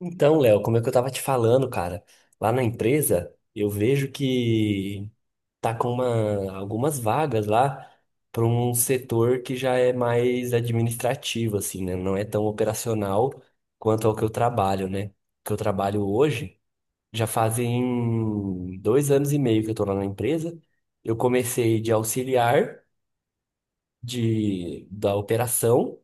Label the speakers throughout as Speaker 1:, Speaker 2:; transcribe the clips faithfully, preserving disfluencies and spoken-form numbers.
Speaker 1: Então, Léo, como é que eu tava te falando, cara? Lá na empresa, eu vejo que tá com uma, algumas vagas lá para um setor que já é mais administrativo, assim, né? Não é tão operacional quanto ao que eu trabalho, né? Que eu trabalho hoje, já fazem dois anos e meio que eu tô lá na empresa. Eu comecei de auxiliar de, da operação.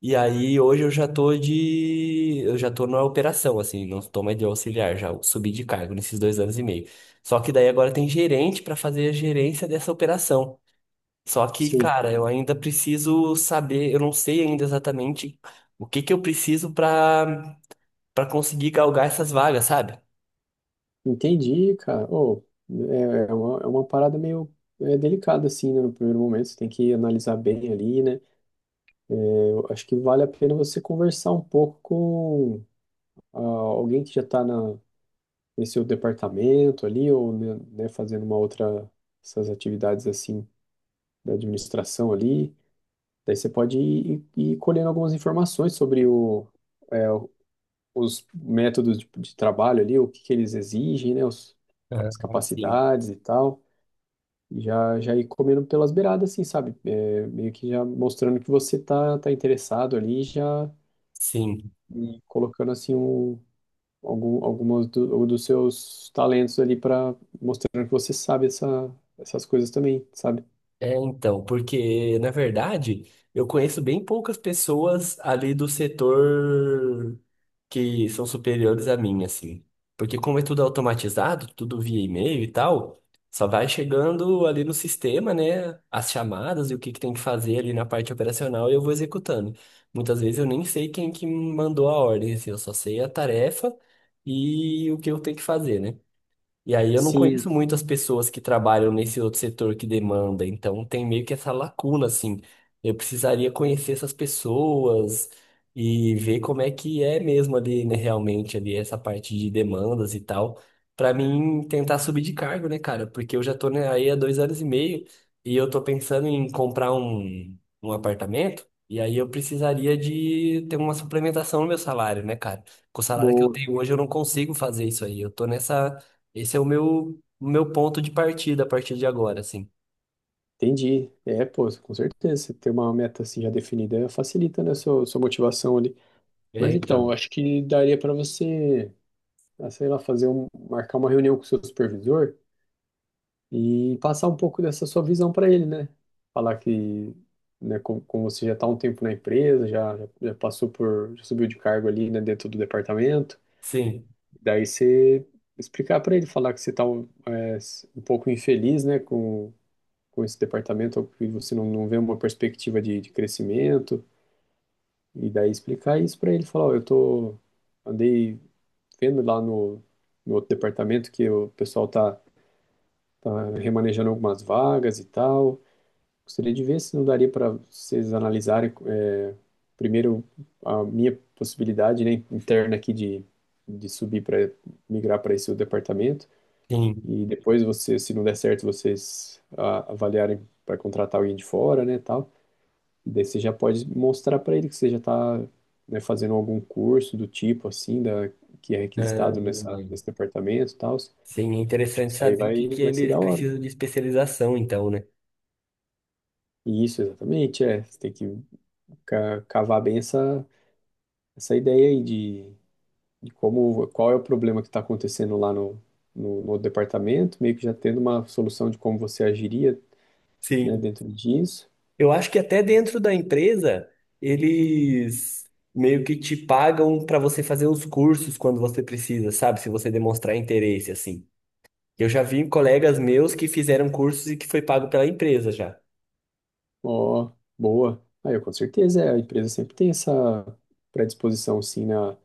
Speaker 1: E aí hoje eu já tô de. Eu já tô na operação, assim, não tô mais de auxiliar, já subi de cargo nesses dois anos e meio. Só que daí agora tem gerente pra fazer a gerência dessa operação. Só que,
Speaker 2: Sim,
Speaker 1: cara, eu ainda preciso saber, eu não sei ainda exatamente o que que eu preciso pra para conseguir galgar essas vagas, sabe?
Speaker 2: entendi, cara. Oh, é, é uma, é uma parada meio é, delicada, assim, né? No primeiro momento, você tem que analisar bem ali, né? Eu acho que vale a pena você conversar um pouco com ah, alguém que já está na, nesse seu departamento ali, ou né, né, fazendo uma outra, essas atividades, assim, da administração ali. Daí você pode ir, ir ir colhendo algumas informações sobre o, é, o- os métodos de, de trabalho ali, o que que eles exigem, né? Os, as
Speaker 1: É, sim.
Speaker 2: capacidades e tal. E já, já ir comendo pelas beiradas, assim, sabe? É, meio que já mostrando que você tá, tá interessado ali, já
Speaker 1: Sim.
Speaker 2: e colocando, assim, um, algum, algumas do- dos seus talentos ali para mostrando que você sabe essa, essas coisas também, sabe?
Speaker 1: É, então, porque, na verdade, eu conheço bem poucas pessoas ali do setor que são superiores a mim, assim. Porque como é tudo automatizado, tudo via e-mail e tal, só vai chegando ali no sistema, né, as chamadas e o que que tem que fazer ali na parte operacional e eu vou executando. Muitas vezes eu nem sei quem que mandou a ordem, assim, eu só sei a tarefa e o que eu tenho que fazer, né? E aí eu não
Speaker 2: Sim,
Speaker 1: conheço muitas pessoas que trabalham nesse outro setor que demanda, então tem meio que essa lacuna, assim. Eu precisaria conhecer essas pessoas e ver como é que é mesmo ali, né, realmente, ali, essa parte de demandas e tal, pra mim tentar subir de cargo, né, cara? Porque eu já tô, né, aí há dois anos e meio e eu tô pensando em comprar um, um apartamento, e aí eu precisaria de ter uma suplementação no meu salário, né, cara? Com o salário que eu
Speaker 2: boa,
Speaker 1: tenho hoje, eu não consigo fazer isso aí. Eu tô nessa esse é o meu, o meu ponto de partida a partir de agora, assim.
Speaker 2: entendi. É, pô, com certeza, você ter uma meta, assim, já definida facilita, né, sua, sua motivação ali.
Speaker 1: É,
Speaker 2: Mas então, eu
Speaker 1: então.
Speaker 2: acho que daria para você ah, sei lá, fazer um, marcar uma reunião com o seu supervisor e passar um pouco dessa sua visão para ele, né? Falar que, né, como, como você já está um tempo na empresa, já, já passou por, já subiu de cargo ali, né, dentro do departamento,
Speaker 1: Sim,
Speaker 2: daí você explicar para ele, falar que você está um, é, um pouco infeliz, né, com, com esse departamento, que você não, não vê uma perspectiva de, de crescimento, e daí explicar isso para ele, falar, ó, eu tô, andei vendo lá no, no outro departamento que o pessoal tá, tá remanejando algumas vagas e tal. Gostaria de ver se não daria para vocês analisarem é, primeiro a minha possibilidade, né, interna aqui de, de subir para migrar para esse departamento
Speaker 1: sim.
Speaker 2: e depois você, se não der certo, vocês ah, avaliarem para contratar alguém de fora, né, tal. E daí você já pode mostrar para ele que você já está, né, fazendo algum curso do tipo assim, da que é requisitado nessa
Speaker 1: Ahn,
Speaker 2: nesse departamento, tal. Acho
Speaker 1: sim, é
Speaker 2: que
Speaker 1: interessante
Speaker 2: isso aí
Speaker 1: saber que,
Speaker 2: vai
Speaker 1: que
Speaker 2: vai ser
Speaker 1: eles
Speaker 2: da hora.
Speaker 1: precisam de especialização, então, né?
Speaker 2: E isso, exatamente, é. Você tem que ca- cavar bem essa essa ideia aí de, de como, qual é o problema que está acontecendo lá no, no, no departamento, meio que já tendo uma solução de como você agiria, né,
Speaker 1: Sim.
Speaker 2: dentro disso.
Speaker 1: Eu acho que até dentro da empresa, eles meio que te pagam para você fazer os cursos quando você precisa, sabe? Se você demonstrar interesse, assim. Eu já vi colegas meus que fizeram cursos e que foi pago pela empresa já.
Speaker 2: Ó, boa. Aí, eu com certeza, é, a empresa sempre tem essa predisposição, sim, na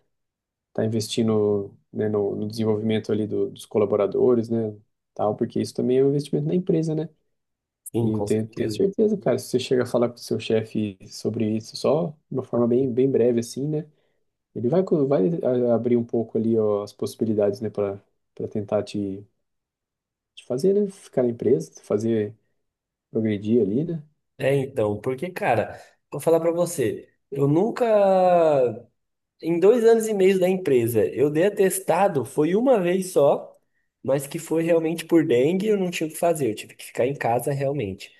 Speaker 2: tá investindo, né, no, no desenvolvimento ali do- dos colaboradores, né, tal, porque isso também é um investimento na empresa, né?
Speaker 1: Sim,
Speaker 2: E eu
Speaker 1: com
Speaker 2: tenho, tenho
Speaker 1: certeza.
Speaker 2: certeza, cara, se você chega a falar com o seu chefe sobre isso só de uma forma bem, bem breve, assim, né? Ele vai, co- vai a- abrir um pouco ali, ó, as possibilidades, né, para para tentar te, te fazer, né, ficar na empresa, te fazer progredir ali, né?
Speaker 1: É, então, porque, cara, vou falar pra você, eu nunca em dois anos e meio da empresa, eu dei atestado, foi uma vez só, mas que foi realmente por dengue, eu não tinha o que fazer, eu tive que ficar em casa realmente.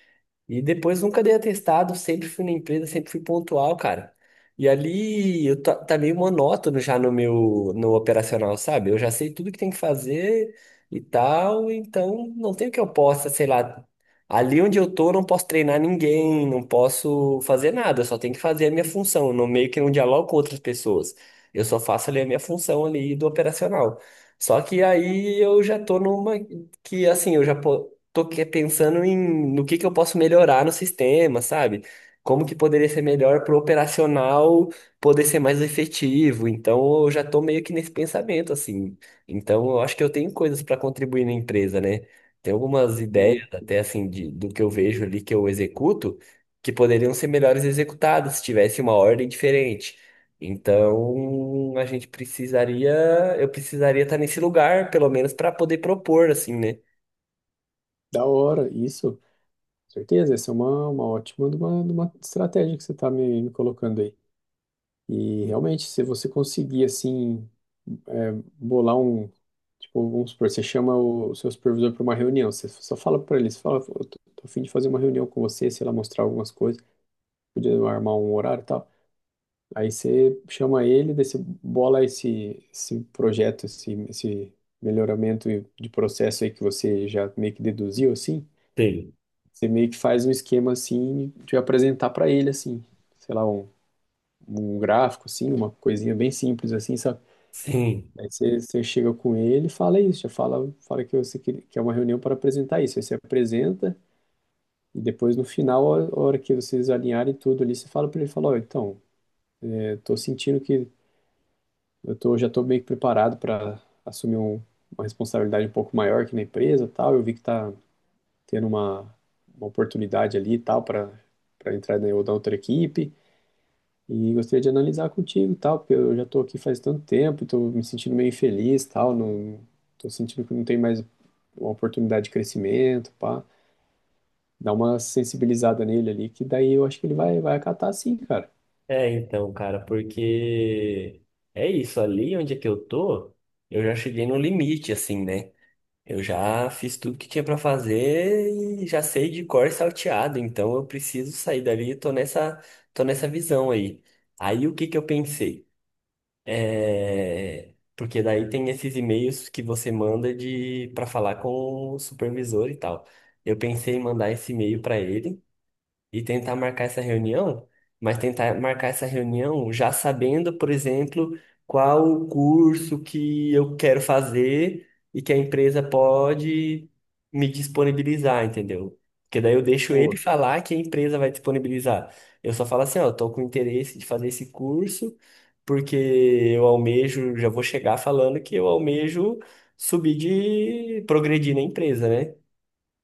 Speaker 1: E depois nunca dei atestado, sempre fui na empresa, sempre fui pontual, cara. E ali eu tá, tá meio monótono já no meu no operacional, sabe? Eu já sei tudo que tem que fazer e tal, então não tem o que eu possa, sei lá, ali onde eu tô, eu não posso treinar ninguém, não posso fazer nada, eu só tenho que fazer a minha função, eu não meio que não dialogo com outras pessoas. Eu só faço ali a minha função ali do operacional. Só que aí eu já tô numa que assim, eu já po- tô que- pensando em no que que eu posso melhorar no sistema, sabe? Como que poderia ser melhor pro operacional poder ser mais efetivo. Então eu já tô meio que nesse pensamento assim. Então eu acho que eu tenho coisas para contribuir na empresa, né? Tem algumas
Speaker 2: Pô,
Speaker 1: ideias até assim de, do que eu vejo ali que eu executo que poderiam ser melhores executadas se tivesse uma ordem diferente. Então, a gente precisaria, eu precisaria estar nesse lugar, pelo menos para poder propor, assim, né?
Speaker 2: da hora, isso, com certeza, essa é uma, uma ótima de uma, de uma estratégia que você está me, me colocando aí. E realmente, se você conseguir, assim, é, bolar um, tipo, vamos supor, você chama o seu supervisor para uma reunião, você só fala para ele, você fala, "Pô, eu tô, tô a fim de fazer uma reunião com você, sei lá, mostrar algumas coisas, podia armar um horário e tal." Aí você chama ele, daí você bola esse, esse projeto, esse, esse melhoramento de processo aí que você já meio que deduziu, assim.
Speaker 1: Sim.
Speaker 2: Você meio que faz um esquema, assim, de apresentar para ele, assim. Sei lá, um, um gráfico, assim, uma coisinha bem simples, assim, sabe?
Speaker 1: Sim.
Speaker 2: Aí você, você chega com ele e fala isso, já fala, fala que você quer, que é uma reunião para apresentar isso. Aí você apresenta e depois, no final, a a hora que vocês alinharem tudo ali, você fala para ele, fala, ó, então, eu tô sentindo que eu tô, já estou meio que preparado para assumir um- uma responsabilidade um pouco maior aqui na empresa, e tal. Eu vi que está tendo uma, uma oportunidade ali, e tal, para para entrar na ou na outra equipe. E gostaria de analisar contigo, e tal, porque eu já estou aqui faz tanto tempo, estou me sentindo meio infeliz, e tal. Não, estou sentindo que não tem mais uma oportunidade de crescimento, pá. Dá uma sensibilizada nele ali, que daí eu acho que ele vai, vai acatar sim, cara.
Speaker 1: É, então, cara, porque é isso, ali onde é que eu tô, eu já cheguei no limite, assim, né? Eu já fiz tudo que tinha pra fazer e já sei de cor e salteado, então eu preciso sair dali, eu tô nessa, tô nessa visão aí. Aí o que que eu pensei? É, porque daí tem esses e-mails que você manda de para falar com o supervisor e tal. Eu pensei em mandar esse e-mail para ele e tentar marcar essa reunião, mas tentar marcar essa reunião já sabendo, por exemplo, qual o curso que eu quero fazer e que a empresa pode me disponibilizar, entendeu? Porque daí eu deixo ele
Speaker 2: Pô,
Speaker 1: falar que a empresa vai disponibilizar. Eu só falo assim, ó, eu tô com interesse de fazer esse curso, porque eu almejo, já vou chegar falando que eu almejo subir de progredir na empresa, né?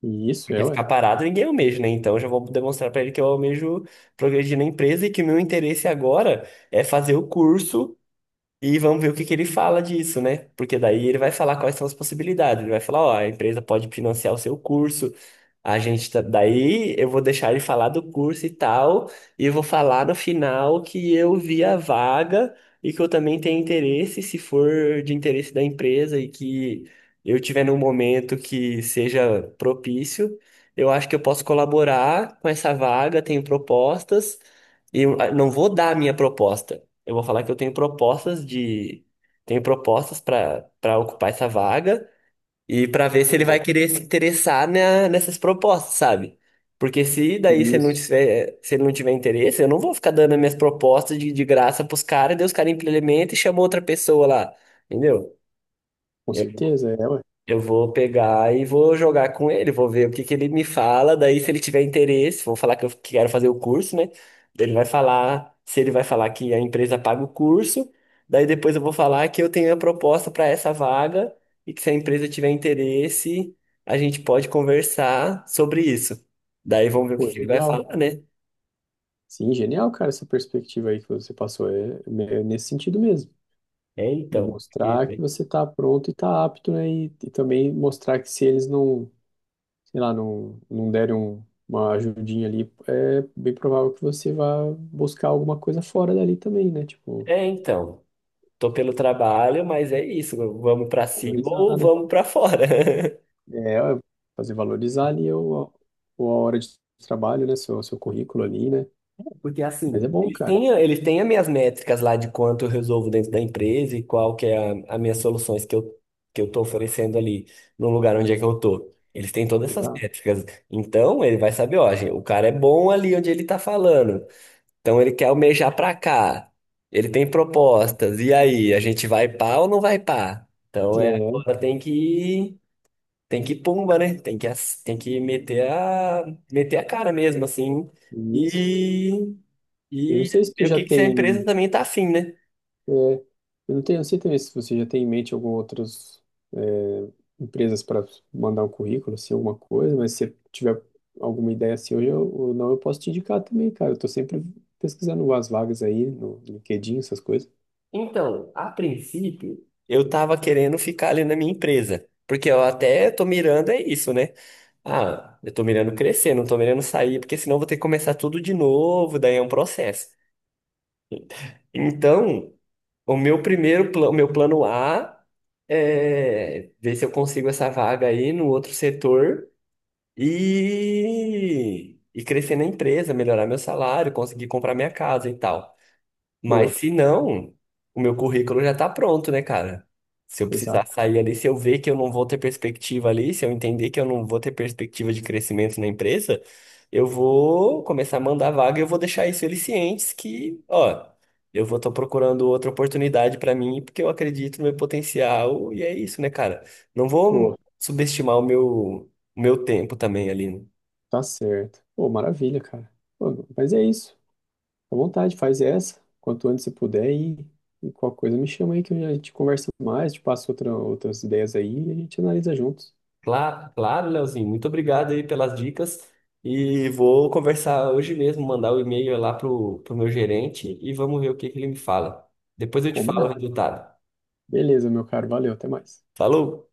Speaker 2: e isso é,
Speaker 1: Porque
Speaker 2: ué.
Speaker 1: ficar parado ninguém almeja, né? Então eu já vou demonstrar para ele que eu almejo progredir na empresa e que o meu interesse agora é fazer o curso e vamos ver o que que ele fala disso, né? Porque daí ele vai falar quais são as possibilidades. Ele vai falar, ó, a empresa pode financiar o seu curso, a gente tá... daí eu vou deixar ele falar do curso e tal, e eu vou falar no final que eu vi a vaga e que eu também tenho interesse, se for de interesse da empresa e que eu tiver num momento que seja propício, eu acho que eu posso colaborar com essa vaga, tenho propostas. E eu ah, não vou dar a minha proposta. Eu vou falar que eu tenho propostas de. Tenho propostas para para ocupar essa vaga e para ver se ele vai
Speaker 2: Pô,
Speaker 1: querer se interessar na, nessas propostas, sabe? Porque se daí se
Speaker 2: e
Speaker 1: ele não
Speaker 2: isso,
Speaker 1: tiver, se ele não tiver interesse, eu não vou ficar dando as minhas propostas de, de graça pros caras, daí os caras implementam e chamam outra pessoa lá, entendeu?
Speaker 2: com certeza é, ué.
Speaker 1: Eu vou pegar e vou jogar com ele, vou ver o que que ele me fala. Daí, se ele tiver interesse, vou falar que eu quero fazer o curso, né? Ele vai falar, se ele vai falar que a empresa paga o curso, daí depois eu vou falar que eu tenho a proposta para essa vaga e que se a empresa tiver interesse, a gente pode conversar sobre isso. Daí vamos ver o que
Speaker 2: Pô,
Speaker 1: que ele vai
Speaker 2: genial.
Speaker 1: falar, né?
Speaker 2: Sim, genial, cara, essa perspectiva aí que você passou. É, é nesse sentido mesmo,
Speaker 1: É
Speaker 2: de
Speaker 1: então,
Speaker 2: mostrar que
Speaker 1: porque-
Speaker 2: você está pronto e está apto, né? E, e também mostrar que se eles não, sei lá, não, não derem um- uma ajudinha ali, é bem provável que você vá buscar alguma coisa fora dali também, né? Tipo,
Speaker 1: é então, tô pelo trabalho, mas é isso, vamos para cima
Speaker 2: valorizar,
Speaker 1: ou
Speaker 2: né?
Speaker 1: vamos para fora.
Speaker 2: É, fazer valorizar ali o, o- a hora de trabalho, né? Seu, seu currículo ali, né?
Speaker 1: Porque
Speaker 2: Mas é
Speaker 1: assim,
Speaker 2: bom,
Speaker 1: eles
Speaker 2: cara.
Speaker 1: têm, eles têm as minhas métricas lá de quanto eu resolvo dentro da empresa e qual que é a, as minhas soluções que eu, que eu tô oferecendo ali no lugar onde é que eu tô. Eles têm todas essas
Speaker 2: Exato.
Speaker 1: métricas. Então, ele vai saber, ó, gente, o cara é bom ali onde ele tá falando. Então, ele quer almejar pra cá. Ele tem propostas. E aí, a gente vai pá ou não vai pá? Então, é,
Speaker 2: É,
Speaker 1: agora tem que, tem que pumba, né? Tem que, ass- tem que meter a, meter a cara mesmo, assim.
Speaker 2: isso.
Speaker 1: E
Speaker 2: Eu não
Speaker 1: e
Speaker 2: sei se tu
Speaker 1: ver o
Speaker 2: já
Speaker 1: que que se a
Speaker 2: tem.
Speaker 1: empresa também tá afim, né?
Speaker 2: É, eu não tenho, não sei também se você já tem em mente algumas outras é, empresas para mandar um currículo, assim, alguma coisa, mas se você tiver alguma ideia assim hoje eu- ou não, eu posso te indicar também, cara. Eu tô sempre pesquisando umas vagas aí no LinkedIn, essas coisas.
Speaker 1: Então, a princípio, eu tava querendo ficar ali na minha empresa. Porque eu até tô mirando é isso, né? Ah, eu tô mirando crescer, não tô mirando sair, porque senão eu vou ter que começar tudo de novo, daí é um processo. Então, o meu primeiro plano, o meu plano A é ver se eu consigo essa vaga aí no outro setor e, e crescer na empresa, melhorar meu salário, conseguir comprar minha casa e tal. Mas
Speaker 2: Boa,
Speaker 1: se não, o meu currículo já tá pronto, né, cara? Se eu precisar
Speaker 2: exato.
Speaker 1: sair ali, se eu ver que eu não vou ter perspectiva ali, se eu entender que eu não vou ter perspectiva de crescimento na empresa, eu vou começar a mandar vaga e eu vou deixar isso eles cientes que, ó, eu vou estar procurando outra oportunidade pra mim porque eu acredito no meu potencial e é isso, né, cara? Não vou
Speaker 2: Boa,
Speaker 1: subestimar o meu, o meu tempo também ali, né?
Speaker 2: tá certo. Pô, maravilha, cara. Pô, mas é isso. À vontade, faz essa, quanto antes você puder e, e qualquer coisa me chama aí que a gente conversa mais, te passo outra, outras ideias aí e a gente analisa juntos.
Speaker 1: Claro, claro, Leozinho. Muito obrigado aí pelas dicas. E vou conversar hoje mesmo, mandar o e-mail lá pro, pro meu gerente e vamos ver o que que ele me fala. Depois eu te falo o
Speaker 2: Combinado.
Speaker 1: resultado.
Speaker 2: Beleza, meu caro. Valeu, até mais.
Speaker 1: Falou!